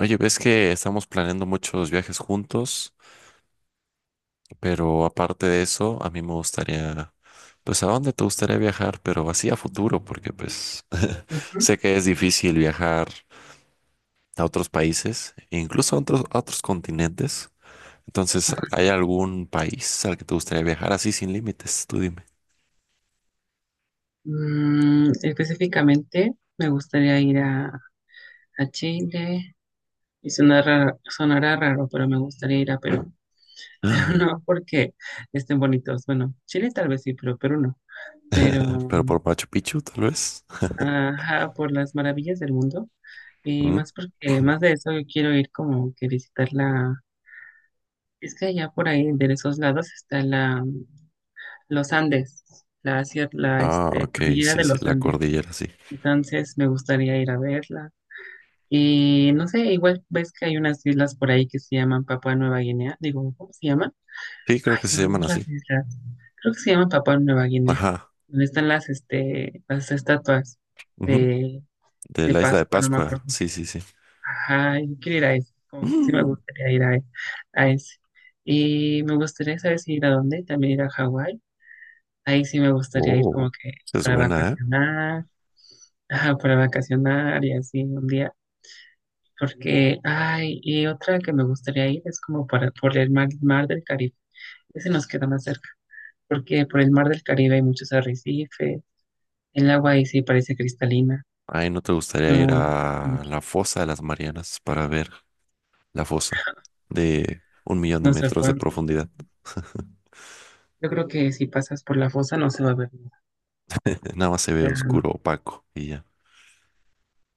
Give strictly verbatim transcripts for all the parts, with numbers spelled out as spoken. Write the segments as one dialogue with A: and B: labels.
A: Oye, ves que estamos planeando muchos viajes juntos, pero aparte de eso, a mí me gustaría, pues, ¿a dónde te gustaría viajar? Pero así a futuro, porque pues
B: Ujú.
A: sé que es difícil viajar a otros países, e incluso a otros, a otros continentes. Entonces, ¿hay algún país al que te gustaría viajar así sin límites? Tú dime.
B: Mm, específicamente me gustaría ir a, a Chile y sonará, sonará raro, pero me gustaría ir a Perú. Pero no porque estén bonitos. Bueno, Chile tal vez sí, pero Perú no. Pero,
A: Pero por Machu Picchu, tal vez.
B: ajá, por las maravillas del mundo. Y
A: ¿Mm?
B: más porque, más de eso, yo quiero ir como que visitar la... Es que allá por ahí, de esos lados, está la, los Andes, la, cier- la
A: Ah,
B: este,
A: ok,
B: cordillera
A: sí,
B: de
A: sí,
B: los
A: la
B: Andes.
A: cordillera, sí.
B: Entonces me gustaría ir a verla. Y no sé, igual ves que hay unas islas por ahí que se llaman Papua Nueva Guinea. Digo, ¿cómo se llaman?
A: Sí, creo
B: Ay,
A: que
B: se
A: se
B: me
A: llaman
B: olvidan
A: así.
B: las islas. Creo que se llaman Papua Nueva Guinea.
A: Ajá.
B: Donde están las, este, las estatuas
A: Ujú.
B: de,
A: De
B: de
A: la isla de
B: Pascua, no me
A: Pascua,
B: acuerdo qué.
A: sí, sí, sí.
B: Ajá, yo quiero ir a eso. Como que sí me
A: Mm.
B: gustaría ir a, e- a ese. Y me gustaría saber si ir a dónde, también ir a Hawái. Ahí sí me gustaría ir
A: Oh,
B: como que
A: esa es
B: para
A: buena, ¿eh?
B: vacacionar, ajá, para vacacionar y así un día. Porque, ay, y otra que me gustaría ir es como para, por el mar, mar del Caribe. Ese nos queda más cerca, porque por el mar del Caribe hay muchos arrecifes. El agua ahí sí parece cristalina.
A: Ay, ¿no te gustaría
B: No,
A: ir
B: no,
A: a la fosa de las Marianas para ver la fosa de un millón de
B: no se
A: metros de
B: puede.
A: profundidad?
B: Yo creo que si pasas por la fosa no se va a ver nada,
A: Nada más se
B: o
A: ve
B: sea, no.
A: oscuro, opaco y ya.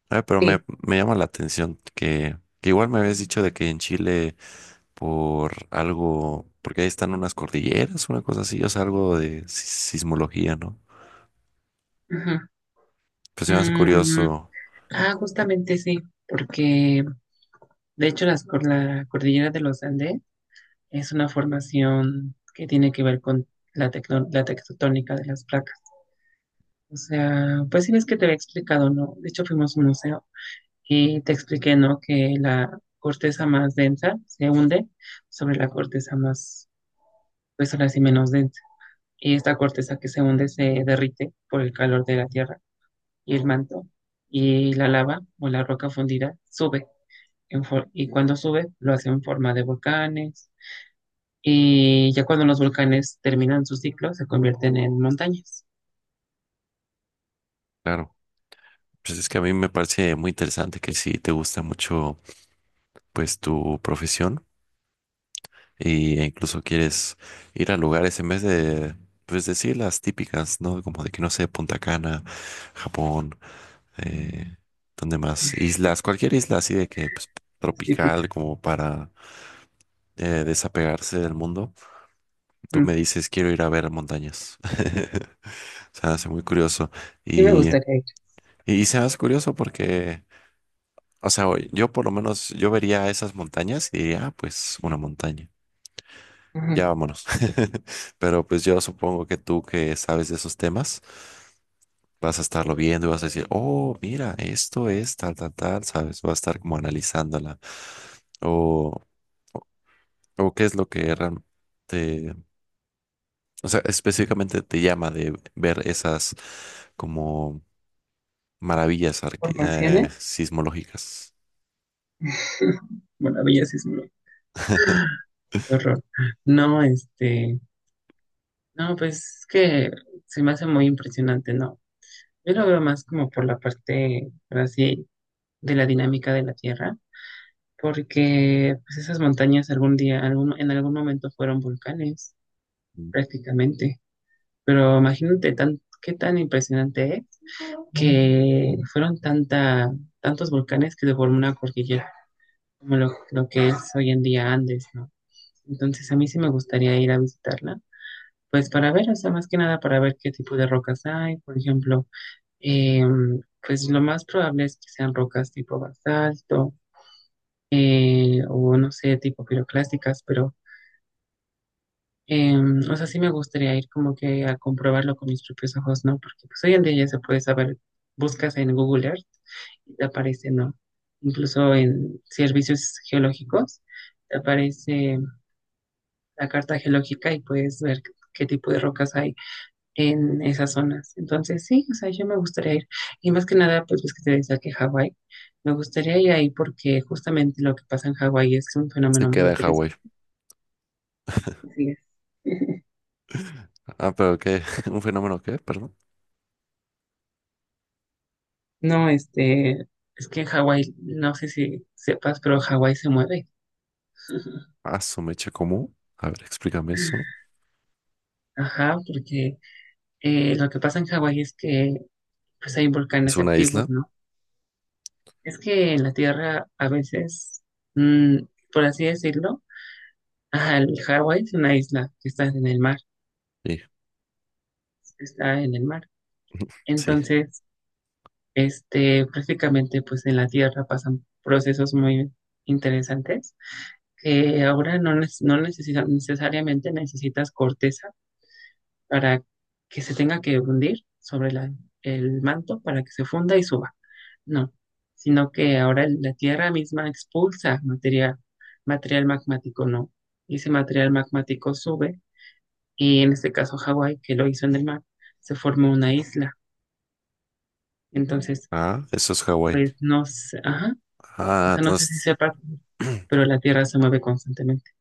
A: Ay, pero me,
B: Sí.
A: me llama la atención que, que igual me habías dicho de que en Chile por algo, porque ahí están unas cordilleras, una cosa así, o sea, algo de si- sismología, ¿no?
B: Ajá.
A: Pues se me hace
B: Mm,
A: curioso,
B: ah, justamente sí, porque de hecho las, cor- la cordillera de los Andes es una formación que tiene que ver con la, tecno- la tectotónica de las placas. O sea, pues sí ves que te había explicado, ¿no? De hecho, fuimos a un museo y te expliqué, ¿no? Que la corteza más densa se hunde sobre la corteza más, pues ahora sí menos densa. Y esta corteza que se hunde se derrite por el calor de la tierra y el manto. Y la lava o la roca fundida sube. En for- y cuando sube, lo hace en forma de volcanes. Y ya cuando los volcanes terminan su ciclo, se convierten en montañas.
A: claro. Pues es que a mí me parece muy interesante que si te gusta mucho pues tu profesión y- e incluso quieres ir a lugares en vez de pues decir las típicas, ¿no? Como de que no sé, Punta Cana, Japón, eh, ¿dónde más? Islas, cualquier isla así de que pues
B: Típica.
A: tropical como para eh, desapegarse del mundo. Tú
B: Mm.
A: me dices, quiero ir a ver montañas. Se me hace muy curioso
B: Sí me
A: y,
B: gustaría ir.
A: y se me hace curioso porque... O sea, yo por lo menos, yo vería esas montañas y diría, ah, pues una montaña. Ya
B: Ujú.
A: vámonos. Pero pues yo supongo que tú que sabes de esos temas, vas a estarlo viendo y vas a decir, oh, mira, esto es tal, tal, tal, ¿sabes? Vas a estar como analizándola. O, o qué es lo que realmente, o sea, específicamente te llama de ver esas como maravillas arque- eh,
B: Formaciones.
A: sismológicas.
B: Bueno, belleza es Sismo, qué horror. No, este, no, pues es que se me hace muy impresionante, ¿no? Yo lo veo más como por la parte, por así, de la dinámica de la Tierra, porque pues, esas montañas algún día, algún, en algún momento fueron volcanes, prácticamente. Pero imagínate tan, qué tan impresionante es que fueron tanta, tantos volcanes que deformó una cordillera, como lo, lo que es hoy en día Andes, ¿no? Entonces a mí sí me gustaría ir a visitarla. Pues para ver, o sea, más que nada para ver qué tipo de rocas hay, por ejemplo, eh, pues lo más probable es que sean rocas tipo basalto, eh, o no sé, tipo piroclásticas, pero, eh, o sea, sí me gustaría ir como que a comprobarlo con mis propios ojos, ¿no? Porque pues hoy en día ya se puede saber, buscas en Google Earth y te aparece, ¿no? Incluso en servicios geológicos te aparece la carta geológica y puedes ver qué tipo de rocas hay en esas zonas. Entonces, sí, o sea, yo me gustaría ir. Y más que nada, pues ves que te decía que Hawái, me gustaría ir ahí porque justamente lo que pasa en Hawái es un
A: Se
B: fenómeno muy
A: queda en Hawái.
B: interesante. Así es.
A: Ah, pero qué, un fenómeno qué, perdón.
B: No, este, es que en Hawái, no sé si sepas, pero Hawái se mueve.
A: Ah, su mecha común. A ver, explícame eso.
B: Ajá, porque eh, lo que pasa en Hawái es que pues hay
A: ¿Es
B: volcanes
A: una
B: activos,
A: isla?
B: ¿no? Es que en la Tierra a veces, mm, por así decirlo, ajá, el Hawái es una isla que está en el mar.
A: Sí,
B: Está en el mar.
A: sí.
B: Entonces, este, prácticamente pues en la Tierra pasan procesos muy interesantes que ahora no, neces- no necesita- necesariamente necesitas corteza para que se tenga que hundir sobre la- el manto para que se funda y suba. No, sino que ahora el- la Tierra misma expulsa materia- material magmático, ¿no? Y ese material magmático sube y en este caso Hawái, que lo hizo en el mar, se formó una isla. Entonces,
A: Ah, eso es Hawái.
B: pues no sé, ajá, o
A: Ah,
B: sea, no sé si
A: entonces...
B: sepa, pero la Tierra se mueve constantemente.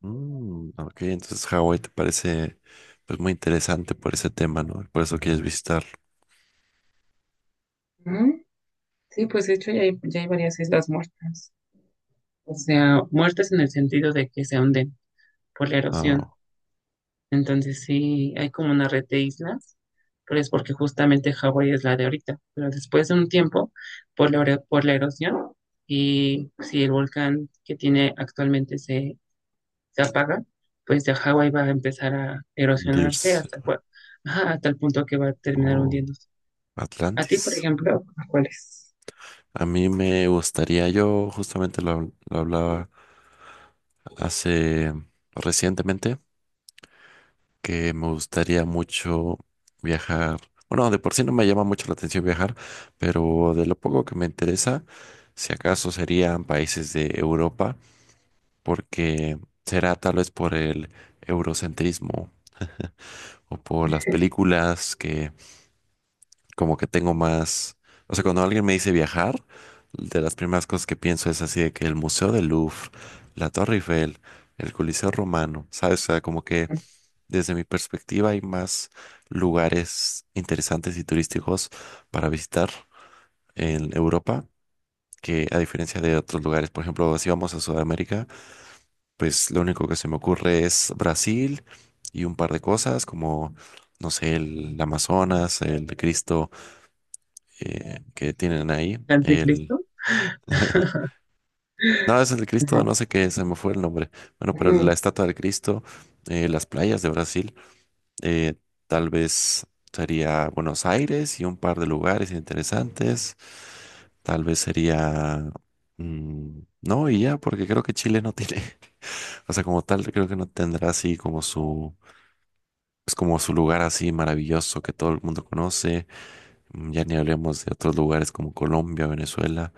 A: Mm, ok, entonces Hawái te parece pues muy interesante por ese tema, ¿no? Por eso quieres visitar.
B: Mm, sí, pues de hecho ya hay, ya hay varias islas muertas, o sea, muertas en el sentido de que se hunden por la erosión.
A: Oh,
B: Entonces sí, hay como una red de islas, pero es porque justamente Hawái es la de ahorita, pero después de un tiempo, por la, ero- por la erosión, y si el volcán que tiene actualmente se se apaga, pues de Hawái va a empezar a erosionarse
A: Dirce.
B: hasta, el ajá, hasta el punto que va a terminar
A: Oh,
B: hundiéndose. A ti, por
A: Atlantis.
B: ejemplo, ¿cuál es?
A: A mí me gustaría, yo justamente lo, lo hablaba hace recientemente, que me gustaría mucho viajar. Bueno, de por sí no me llama mucho la atención viajar, pero de lo poco que me interesa, si acaso serían países de Europa, porque será tal vez por el eurocentrismo o por las películas que como que tengo más, o sea, cuando alguien me dice viajar, de las primeras cosas que pienso es así de que el Museo del Louvre, la Torre Eiffel, el Coliseo Romano, ¿sabes? O sea, como que
B: ¿El
A: desde mi perspectiva, hay más lugares interesantes y turísticos para visitar en Europa que a diferencia de otros lugares. Por ejemplo, si vamos a Sudamérica, pues lo único que se me ocurre es Brasil y un par de cosas como, no sé, el Amazonas, el Cristo eh, que tienen ahí, el...
B: anticristo?
A: No, es el
B: Ajá.
A: Cristo, no sé qué, se me fue el nombre. Bueno, pero la
B: Ujú,
A: estatua del Cristo, eh, las playas de Brasil. Eh, tal vez sería Buenos Aires y un par de lugares interesantes. Tal vez sería... mm, no, y ya, porque creo que Chile no tiene, o sea, como tal, creo que no tendrá así como su, es como su lugar así maravilloso que todo el mundo conoce. Mm, ya ni hablemos de otros lugares como Colombia, Venezuela,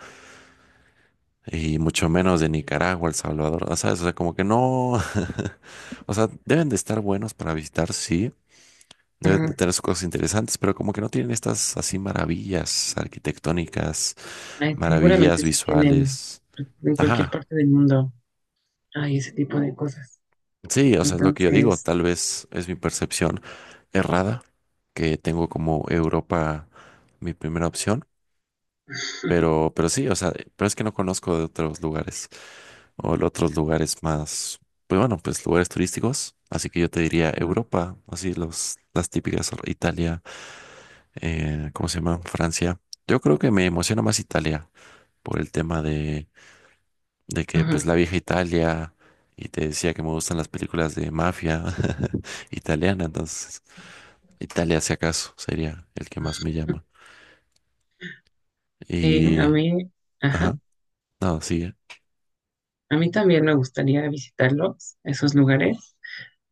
A: y mucho menos de Nicaragua, El Salvador, o sea, o sea, como que no, o sea, deben de estar buenos para visitar, sí, deben de
B: ujú.
A: tener sus cosas interesantes, pero como que no tienen estas así maravillas arquitectónicas,
B: Ay,
A: maravillas
B: seguramente se tienen
A: visuales.
B: en cualquier
A: Ajá.
B: parte del mundo. Hay ese tipo de cosas.
A: Sí, o sea, es lo que yo digo.
B: Entonces,
A: Tal vez es mi percepción errada, que tengo como Europa mi primera opción. Pero, pero sí, o sea, pero es que no conozco de otros lugares o de otros lugares más, pues bueno, pues lugares turísticos. Así que yo te diría
B: ujú,
A: Europa, así los, las típicas, Italia. eh, ¿cómo se llama? Francia. Yo creo que me emociona más Italia por el tema de, de, que
B: ujú.
A: pues la vieja Italia y te decía que me gustan las películas de mafia italiana, entonces Italia si acaso sería el que más me llama.
B: Sí,
A: Y,
B: a mí, ajá,
A: ajá, no, sigue.
B: a mí también me gustaría visitarlos, esos lugares.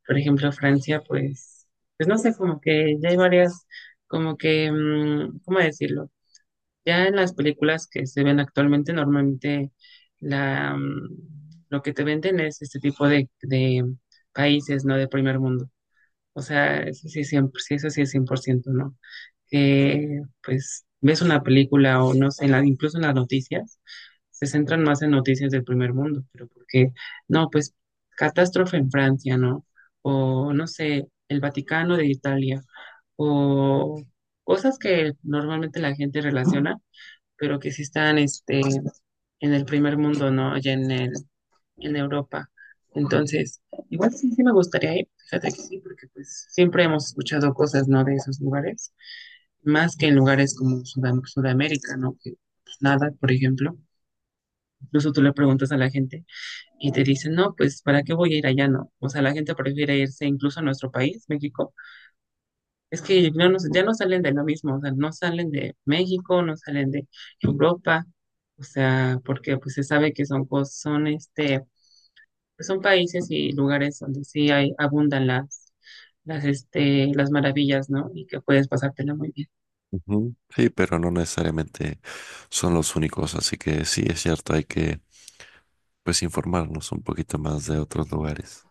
B: Por ejemplo, Francia, pues, pues no sé, como que ya hay varias, como que, mm, ¿cómo decirlo? Ya en las películas que se ven actualmente, normalmente la, mm, lo que te venden es este tipo de, de países, ¿no? De primer mundo. O sea, eso sí es cien por ciento, sí, eso sí es cien por ciento, ¿no? Que pues ves una película o no sé, en la- incluso en las noticias, se centran más en noticias del primer mundo, pero porque, no, pues catástrofe en Francia, ¿no? O no sé, el Vaticano de Italia, o cosas que normalmente la gente relaciona pero que sí están este, en el primer mundo, ¿no? Allá en, el, en Europa. Entonces, igual sí, sí me gustaría ir, fíjate que sí, porque pues siempre hemos escuchado cosas, ¿no? De esos lugares, más que en lugares como Sudam- Sudamérica, ¿no? Que pues, nada, por ejemplo. Incluso tú le preguntas a la gente y te dicen, no, pues, ¿para qué voy a ir allá, no? O sea, la gente prefiere irse incluso a nuestro país, México, es que ya no, ya no salen de lo mismo, o sea, no salen de México, no salen de Europa, o sea, porque pues se sabe que son, cos- son este, pues, son países y lugares donde sí hay, abundan las, las, este, las maravillas, ¿no? Y que puedes pasártela muy bien.
A: Ujú. Sí, pero no necesariamente son los únicos, así que sí es cierto, hay que pues informarnos un poquito más de otros lugares.